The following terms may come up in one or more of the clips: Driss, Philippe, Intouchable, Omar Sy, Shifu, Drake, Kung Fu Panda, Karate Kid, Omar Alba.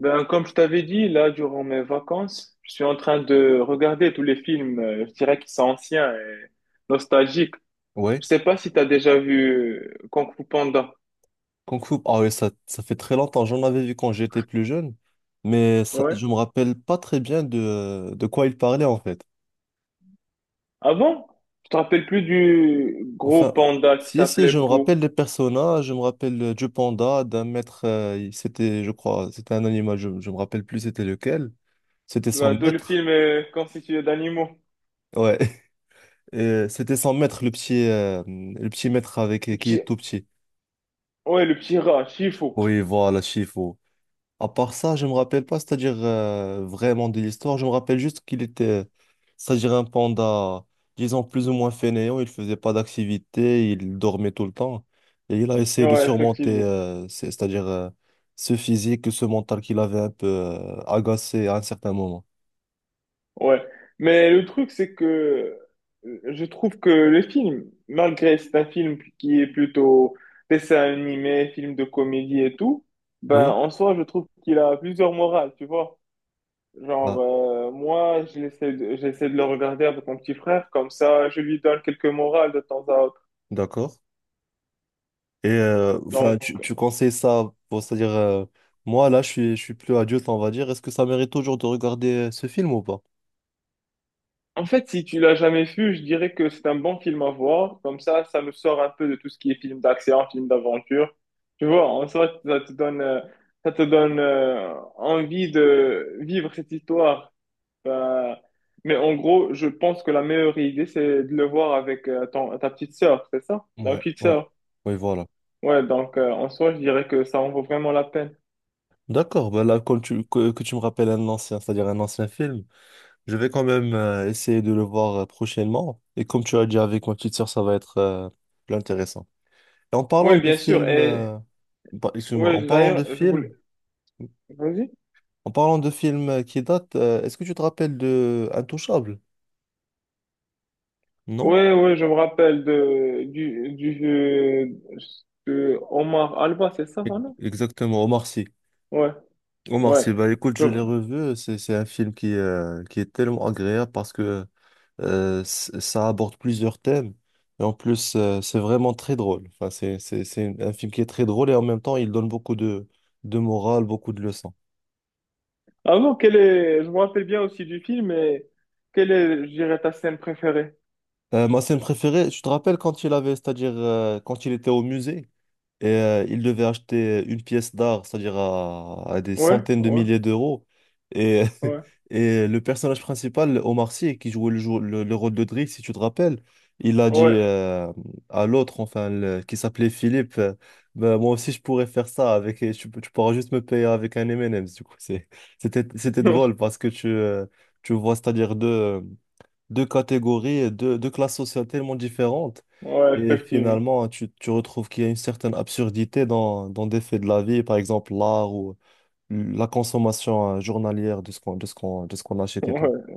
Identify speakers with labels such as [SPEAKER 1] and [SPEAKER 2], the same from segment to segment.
[SPEAKER 1] Ben, comme je t'avais dit, là, durant mes vacances, je suis en train de regarder tous les films, je dirais qu'ils sont anciens et nostalgiques.
[SPEAKER 2] Ouais,
[SPEAKER 1] Je sais pas si tu as déjà vu Kung Fu Panda.
[SPEAKER 2] Kung Fu. Ah ouais, ça fait très longtemps. J'en avais vu quand j'étais plus jeune, mais ça,
[SPEAKER 1] Ouais.
[SPEAKER 2] je me rappelle pas très bien de quoi il parlait en fait.
[SPEAKER 1] Avant, je te rappelle plus du gros
[SPEAKER 2] Enfin,
[SPEAKER 1] panda qui
[SPEAKER 2] si,
[SPEAKER 1] s'appelait
[SPEAKER 2] je me rappelle
[SPEAKER 1] Po.
[SPEAKER 2] des personnages, je me rappelle du panda, d'un maître, c'était, je crois, c'était un animal, je me rappelle plus c'était lequel. C'était son
[SPEAKER 1] Ben, tout le
[SPEAKER 2] maître.
[SPEAKER 1] film est constitué d'animaux.
[SPEAKER 2] Ouais, Et, c'était son maître, le petit maître
[SPEAKER 1] Le
[SPEAKER 2] avec qui
[SPEAKER 1] petit,
[SPEAKER 2] est tout petit.
[SPEAKER 1] ouais, le petit rat, Shifu.
[SPEAKER 2] Oui, voilà, Shifu. À part ça, je me rappelle pas, c'est-à-dire vraiment de l'histoire. Je me rappelle juste qu'il était, c'est-à-dire un panda, disons plus ou moins fainéant. Il faisait pas d'activité, il dormait tout le temps. Et il a essayé de
[SPEAKER 1] Ouais,
[SPEAKER 2] surmonter,
[SPEAKER 1] effectivement.
[SPEAKER 2] c'est-à-dire ce physique, ce mental qu'il avait un peu agacé à un certain moment.
[SPEAKER 1] Ouais, mais le truc, c'est que je trouve que le film, malgré c'est un film qui est plutôt dessin animé, film de comédie et tout, ben
[SPEAKER 2] Oui,
[SPEAKER 1] en soi, je trouve qu'il a plusieurs morales, tu vois. Genre,
[SPEAKER 2] ah,
[SPEAKER 1] moi, j'essaie de le regarder avec mon petit frère, comme ça, je lui donne quelques morales de temps à autre.
[SPEAKER 2] d'accord. Et enfin,
[SPEAKER 1] Donc,
[SPEAKER 2] tu conseilles ça pour, c'est-à-dire moi là, je suis plus adulte, on va dire. Est-ce que ça mérite toujours de regarder ce film ou pas?
[SPEAKER 1] en fait, si tu l'as jamais vu, je dirais que c'est un bon film à voir. Comme ça nous sort un peu de tout ce qui est film d'action, film d'aventure. Tu vois, en soi, ça te donne envie de vivre cette histoire. Ben, mais en gros, je pense que la meilleure idée, c'est de le voir avec ta petite sœur, c'est ça? Ta
[SPEAKER 2] Ouais,
[SPEAKER 1] petite
[SPEAKER 2] ouais.
[SPEAKER 1] sœur.
[SPEAKER 2] Oui, voilà.
[SPEAKER 1] Ouais, donc en soi, je dirais que ça en vaut vraiment la peine.
[SPEAKER 2] D'accord, ben là, que tu me rappelles un ancien, c'est-à-dire un ancien film, je vais quand même essayer de le voir prochainement. Et comme tu as dit avec ma petite sœur, ça va être plus intéressant. Et en parlant
[SPEAKER 1] Oui,
[SPEAKER 2] de
[SPEAKER 1] bien sûr.
[SPEAKER 2] films,
[SPEAKER 1] Et
[SPEAKER 2] bah, excuse-moi, en
[SPEAKER 1] ouais,
[SPEAKER 2] parlant de
[SPEAKER 1] d'ailleurs, je
[SPEAKER 2] films,
[SPEAKER 1] voulais. Vas-y.
[SPEAKER 2] en parlant de films qui datent, est-ce que tu te rappelles de Intouchable? Non?
[SPEAKER 1] Ouais, ouais, je me rappelle de du de Omar Alba, c'est ça,
[SPEAKER 2] E-
[SPEAKER 1] son nom?
[SPEAKER 2] Exactement, Omar Sy.
[SPEAKER 1] Ouais,
[SPEAKER 2] Omar
[SPEAKER 1] ouais.
[SPEAKER 2] Sy, bah écoute,
[SPEAKER 1] Je...
[SPEAKER 2] je l'ai revu, c'est un film qui est tellement agréable parce que ça aborde plusieurs thèmes. Et en plus, c'est vraiment très drôle. Enfin, c'est un film qui est très drôle et en même temps, il donne beaucoup de morale, beaucoup de leçons.
[SPEAKER 1] Ah non, quel est... je me rappelle bien aussi du film, mais quelle est, je dirais, ta scène préférée?
[SPEAKER 2] Ma scène préférée, tu te rappelles quand il avait, c'est-à-dire quand il était au musée? Et il devait acheter une pièce d'art, c'est-à-dire à des
[SPEAKER 1] Ouais,
[SPEAKER 2] centaines de
[SPEAKER 1] ouais,
[SPEAKER 2] milliers d'euros. Et
[SPEAKER 1] ouais.
[SPEAKER 2] et le personnage principal, Omar Sy, qui jouait le rôle de Drake, si tu te rappelles, il a dit
[SPEAKER 1] Ouais.
[SPEAKER 2] à l'autre, enfin, qui s'appelait Philippe, Ben, moi aussi je pourrais faire ça, avec, tu pourras juste me payer avec un M&M's. Du coup, c'était, c'était
[SPEAKER 1] Non.
[SPEAKER 2] drôle parce que tu vois, c'est-à-dire deux catégories, deux classes sociales tellement différentes.
[SPEAKER 1] Ouais,
[SPEAKER 2] Et
[SPEAKER 1] effectivement.
[SPEAKER 2] finalement, tu retrouves qu'il y a une certaine absurdité dans, dans des faits de la vie, par exemple l'art ou la consommation journalière de de ce qu'on achète et tout.
[SPEAKER 1] Ouais,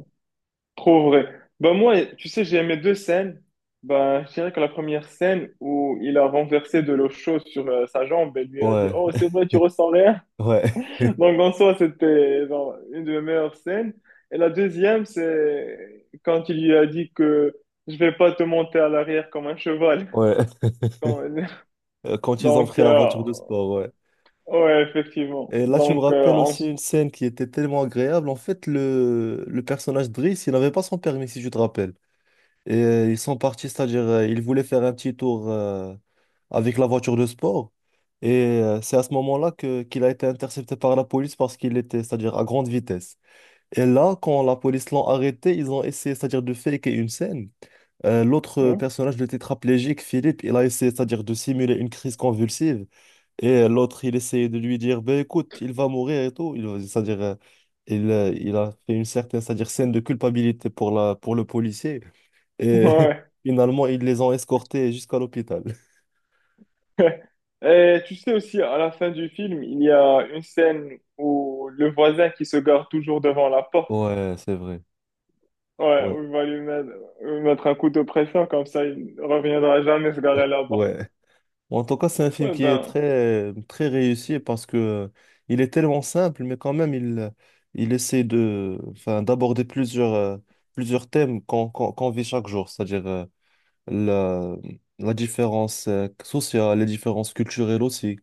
[SPEAKER 1] trop vrai. Bah moi, tu sais, j'ai aimé deux scènes. Bah, je dirais que la première scène où il a renversé de l'eau chaude sur sa jambe et lui a dit, «
[SPEAKER 2] Ouais,
[SPEAKER 1] Oh, c'est vrai, tu ressens rien. »
[SPEAKER 2] ouais,
[SPEAKER 1] Donc en soi, c'était genre, une de mes meilleures scènes. Et la deuxième, c'est quand il lui a dit que je vais pas te monter à l'arrière comme un cheval.
[SPEAKER 2] ouais.
[SPEAKER 1] Quand-
[SPEAKER 2] Quand ils ont
[SPEAKER 1] donc,
[SPEAKER 2] pris la voiture de sport, ouais.
[SPEAKER 1] ouais, effectivement.
[SPEAKER 2] Et là, tu me
[SPEAKER 1] Donc,
[SPEAKER 2] rappelles
[SPEAKER 1] en...
[SPEAKER 2] aussi une scène qui était tellement agréable. En fait, le personnage de Driss, il n'avait pas son permis, si je te rappelle. Et ils sont partis, c'est-à-dire ils voulaient faire un petit tour avec la voiture de sport. Et c'est à ce moment-là que qu'il a été intercepté par la police parce qu'il était, c'est-à-dire à grande vitesse. Et là, quand la police l'ont arrêté, ils ont essayé, c'est-à-dire de faker une scène. L'autre
[SPEAKER 1] ouais.
[SPEAKER 2] personnage, le tétraplégique, Philippe, il a essayé, c'est-à-dire de simuler une crise convulsive. Et l'autre, il essayait de lui dire, ben écoute, il va mourir et tout. Il a fait une certaine, c'est-à-dire scène de culpabilité pour pour le policier. Et
[SPEAKER 1] Ouais.
[SPEAKER 2] finalement, ils les ont escortés jusqu'à l'hôpital.
[SPEAKER 1] Et tu sais aussi, à la fin du film, il y a une scène où le voisin qui se gare toujours devant la porte,
[SPEAKER 2] Ouais, c'est vrai.
[SPEAKER 1] ouais,
[SPEAKER 2] Ouais,
[SPEAKER 1] où il va lui mettre un coup de pression, comme ça il ne reviendra jamais se garer là-bas.
[SPEAKER 2] ouais. En tout cas, c'est un film
[SPEAKER 1] Ouais,
[SPEAKER 2] qui est
[SPEAKER 1] ben,
[SPEAKER 2] très, très réussi parce que il est tellement simple, mais quand même, il essaie de, enfin, d'aborder plusieurs, plusieurs thèmes qu'on vit chaque jour, c'est-à-dire la, la différence sociale, les différences culturelles aussi,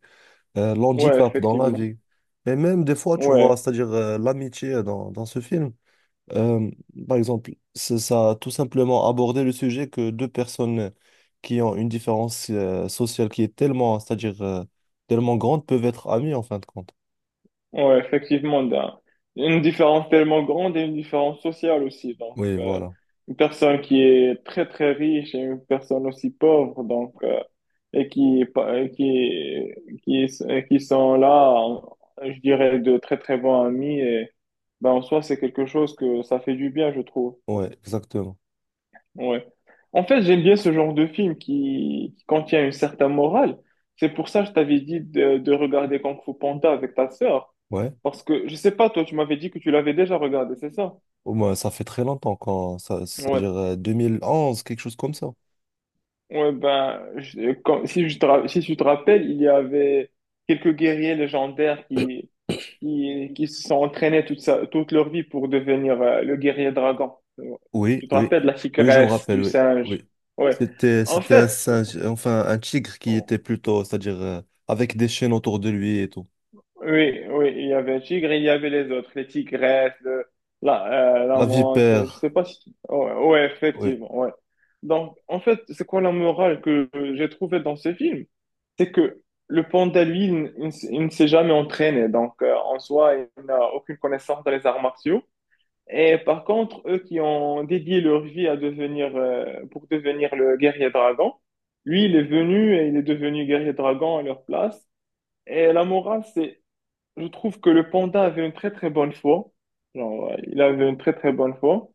[SPEAKER 1] ouais,
[SPEAKER 2] l'handicap dans la
[SPEAKER 1] effectivement.
[SPEAKER 2] vie. Et même des fois, tu vois,
[SPEAKER 1] Ouais.
[SPEAKER 2] c'est-à-dire l'amitié dans, dans ce film. Euh, par exemple, ça tout simplement aborder le sujet que deux personnes qui ont une différence sociale qui est tellement, c'est-à-dire tellement grande, peuvent être amies en fin de compte.
[SPEAKER 1] Ouais, effectivement, une différence tellement grande et une différence sociale aussi. Donc,
[SPEAKER 2] Oui, voilà.
[SPEAKER 1] une personne qui est très, très riche et une personne aussi pauvre, donc, et qui, pa- qui, qui sont là, je dirais, de très, très bons amis. Et ben, en soi, c'est quelque chose que ça fait du bien, je trouve.
[SPEAKER 2] Ouais, exactement.
[SPEAKER 1] Ouais. En fait, j'aime bien ce genre de film qui contient une certaine morale. C'est pour ça que je t'avais dit de regarder Kung Fu Panda avec ta sœur.
[SPEAKER 2] Ouais.
[SPEAKER 1] Parce que, je sais pas, toi, tu m'avais dit que tu l'avais déjà regardé, c'est ça?
[SPEAKER 2] Au moins, ça fait très longtemps quand, ça,
[SPEAKER 1] Ouais.
[SPEAKER 2] c'est-à-dire 2011, quelque chose comme ça.
[SPEAKER 1] Ouais, ben, si si tu te rappelles, il y avait quelques guerriers légendaires qui se sont entraînés toute leur vie pour devenir le guerrier dragon. Ouais.
[SPEAKER 2] Oui,
[SPEAKER 1] Tu te
[SPEAKER 2] oui.
[SPEAKER 1] rappelles de la
[SPEAKER 2] Oui, je me
[SPEAKER 1] tigresse,
[SPEAKER 2] rappelle,
[SPEAKER 1] du
[SPEAKER 2] oui.
[SPEAKER 1] singe.
[SPEAKER 2] Oui.
[SPEAKER 1] Ouais. En
[SPEAKER 2] C'était un
[SPEAKER 1] fait,
[SPEAKER 2] singe, enfin, un tigre qui était plutôt, c'est-à-dire avec des chaînes autour de lui et tout.
[SPEAKER 1] oui, oui, il y avait un tigre, il y avait les autres, les tigresses, la, la
[SPEAKER 2] La
[SPEAKER 1] menthe, je sais
[SPEAKER 2] vipère.
[SPEAKER 1] pas si... Ouais, ouais,
[SPEAKER 2] Oui,
[SPEAKER 1] effectivement, ouais. Donc, en fait, c'est quoi la morale que j'ai trouvée dans ce film? C'est que le panda, lui, il ne s'est jamais entraîné, donc en soi, il n'a aucune connaissance dans les arts martiaux. Et par contre, eux qui ont dédié leur vie à pour devenir le guerrier dragon, lui, il est venu et il est devenu guerrier dragon à leur place. Et la morale, c'est je trouve que le panda avait une très très bonne foi. Genre, il avait une très très bonne foi.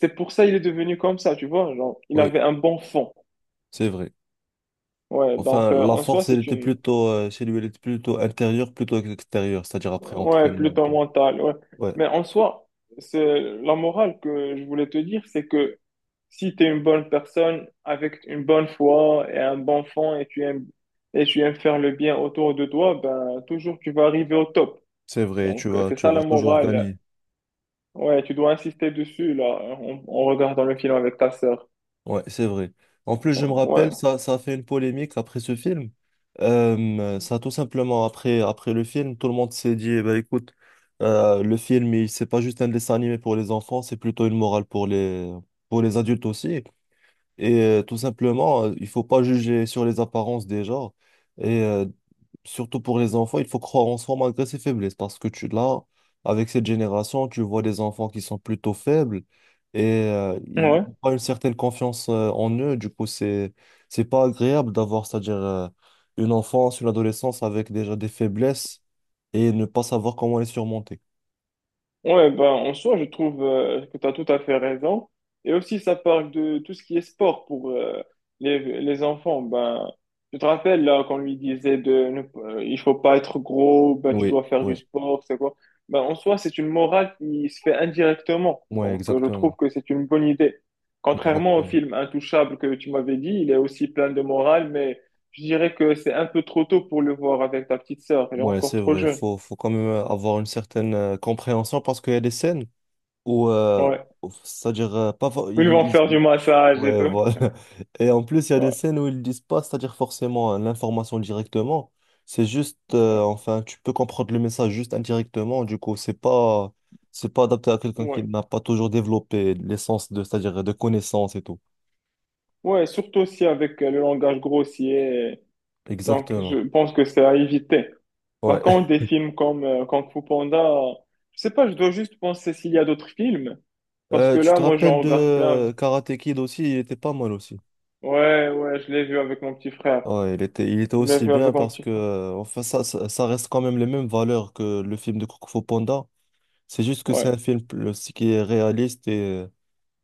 [SPEAKER 1] C'est pour ça il est devenu comme ça, tu vois. Genre, il
[SPEAKER 2] oui,
[SPEAKER 1] avait un bon fond.
[SPEAKER 2] c'est vrai.
[SPEAKER 1] Ouais, donc
[SPEAKER 2] Enfin, la
[SPEAKER 1] en soi,
[SPEAKER 2] force, elle
[SPEAKER 1] c'est
[SPEAKER 2] était
[SPEAKER 1] une.
[SPEAKER 2] plutôt, chez lui, elle était plutôt intérieure, plutôt extérieure, c'est-à-dire après
[SPEAKER 1] Ouais,
[SPEAKER 2] entraînement et
[SPEAKER 1] plutôt
[SPEAKER 2] tout.
[SPEAKER 1] mental. Ouais.
[SPEAKER 2] Ouais,
[SPEAKER 1] Mais en soi, c'est la morale que je voulais te dire, c'est que si tu es une bonne personne avec une bonne foi et un bon fond et tu aimes faire le bien autour de toi, ben toujours tu vas arriver au top.
[SPEAKER 2] c'est vrai,
[SPEAKER 1] Donc, c'est
[SPEAKER 2] tu
[SPEAKER 1] ça
[SPEAKER 2] vas
[SPEAKER 1] la
[SPEAKER 2] toujours
[SPEAKER 1] morale.
[SPEAKER 2] gagner.
[SPEAKER 1] Ouais, tu dois insister dessus, là, en regardant le film avec ta sœur.
[SPEAKER 2] Ouais, c'est vrai. En plus, je me
[SPEAKER 1] Ouais,
[SPEAKER 2] rappelle, ça a fait une polémique après ce film. Ça, tout simplement, après le film, tout le monde s'est dit, eh ben, écoute, le film, c'est pas juste un dessin animé pour les enfants, c'est plutôt une morale pour les adultes aussi. Et tout simplement, il faut pas juger sur les apparences des gens. Et surtout pour les enfants, il faut croire en soi malgré ses faiblesses. Parce que là, avec cette génération, tu vois des enfants qui sont plutôt faibles et ils
[SPEAKER 1] ouais.
[SPEAKER 2] n'ont pas une certaine confiance en eux. Du coup, c'est pas agréable d'avoir, c'est-à-dire, une enfance, une adolescence avec déjà des faiblesses et ne pas savoir comment les surmonter.
[SPEAKER 1] Ouais, ben, en soi, je trouve que tu as tout à fait raison. Et aussi, ça parle de tout ce qui est sport pour les enfants. Ben, tu te rappelles là qu'on lui disait de ne, il faut pas être gros, ben, tu
[SPEAKER 2] Oui,
[SPEAKER 1] dois faire du
[SPEAKER 2] oui,
[SPEAKER 1] sport, c'est quoi? Ben, en soi, c'est une morale qui se fait indirectement.
[SPEAKER 2] ouais,
[SPEAKER 1] Donc, je trouve
[SPEAKER 2] exactement.
[SPEAKER 1] que c'est une bonne idée. Contrairement au
[SPEAKER 2] Exactement.
[SPEAKER 1] film Intouchable que tu m'avais dit, il est aussi plein de morale, mais je dirais que c'est un peu trop tôt pour le voir avec ta petite sœur. Elle est
[SPEAKER 2] Ouais,
[SPEAKER 1] encore
[SPEAKER 2] c'est
[SPEAKER 1] trop
[SPEAKER 2] vrai.
[SPEAKER 1] jeune.
[SPEAKER 2] Faut quand même avoir une certaine compréhension parce qu'il y a des scènes où,
[SPEAKER 1] Ouais.
[SPEAKER 2] c'est-à-dire, pas, fa-
[SPEAKER 1] Ils vont
[SPEAKER 2] ils,
[SPEAKER 1] faire du massage et
[SPEAKER 2] Ouais,
[SPEAKER 1] tout.
[SPEAKER 2] voilà. Et en plus, il y a des
[SPEAKER 1] Ouais,
[SPEAKER 2] scènes où ils disent pas, c'est-à-dire forcément hein, l'information directement. C'est juste, enfin, tu peux comprendre le message juste indirectement. Du coup, c'est pas adapté à quelqu'un qui
[SPEAKER 1] ouais,
[SPEAKER 2] n'a pas toujours développé l'essence de, c'est-à-dire de connaissances et tout.
[SPEAKER 1] ouais, surtout aussi avec le langage grossier. Donc, je
[SPEAKER 2] Exactement.
[SPEAKER 1] pense que c'est à éviter. Par
[SPEAKER 2] Ouais.
[SPEAKER 1] contre, des films comme Kung Fu Panda, je sais pas, je dois juste penser s'il y a d'autres films. Parce que
[SPEAKER 2] Tu
[SPEAKER 1] là,
[SPEAKER 2] te
[SPEAKER 1] moi,
[SPEAKER 2] rappelles
[SPEAKER 1] j'en
[SPEAKER 2] de
[SPEAKER 1] regarde plein.
[SPEAKER 2] Karate Kid aussi, il était pas mal aussi.
[SPEAKER 1] Ouais, ouais, je l'ai vu avec mon petit frère.
[SPEAKER 2] Ouais, il était
[SPEAKER 1] Je l'ai
[SPEAKER 2] aussi
[SPEAKER 1] vu avec
[SPEAKER 2] bien
[SPEAKER 1] mon
[SPEAKER 2] parce
[SPEAKER 1] petit
[SPEAKER 2] que,
[SPEAKER 1] frère.
[SPEAKER 2] enfin, ça reste quand même les mêmes valeurs que le film de Kung Fu Panda. C'est juste que c'est
[SPEAKER 1] Ouais,
[SPEAKER 2] un qui est réaliste et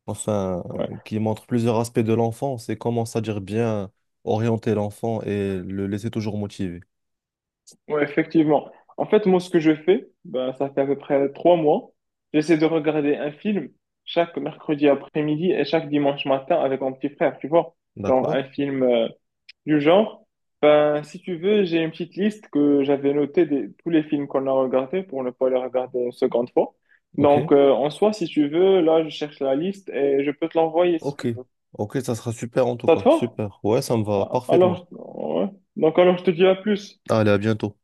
[SPEAKER 2] enfin,
[SPEAKER 1] ouais,
[SPEAKER 2] qui montre plusieurs aspects de l'enfant, c'est comment, c'est-à-dire bien orienter l'enfant et le laisser toujours motivé.
[SPEAKER 1] ouais, effectivement. En fait, moi, ce que je fais, ben, ça fait à peu près 3 mois. J'essaie de regarder un film chaque mercredi après-midi et chaque dimanche matin avec mon petit frère, tu vois. Genre, un
[SPEAKER 2] D'accord?
[SPEAKER 1] film. Du genre, ben, si tu veux, j'ai une petite liste que j'avais notée de tous les films qu'on a regardés pour ne pas les regarder une seconde fois.
[SPEAKER 2] Ok?
[SPEAKER 1] Donc, en soi, si tu veux, là, je cherche la liste et je peux te l'envoyer si
[SPEAKER 2] Ok.
[SPEAKER 1] tu veux.
[SPEAKER 2] Ok, ça sera super en tout
[SPEAKER 1] Ça te
[SPEAKER 2] cas.
[SPEAKER 1] va?
[SPEAKER 2] Super. Ouais, ça me va
[SPEAKER 1] Ah,
[SPEAKER 2] parfaitement.
[SPEAKER 1] alors, ouais. Donc, alors, je te dis à plus.
[SPEAKER 2] Allez, à bientôt.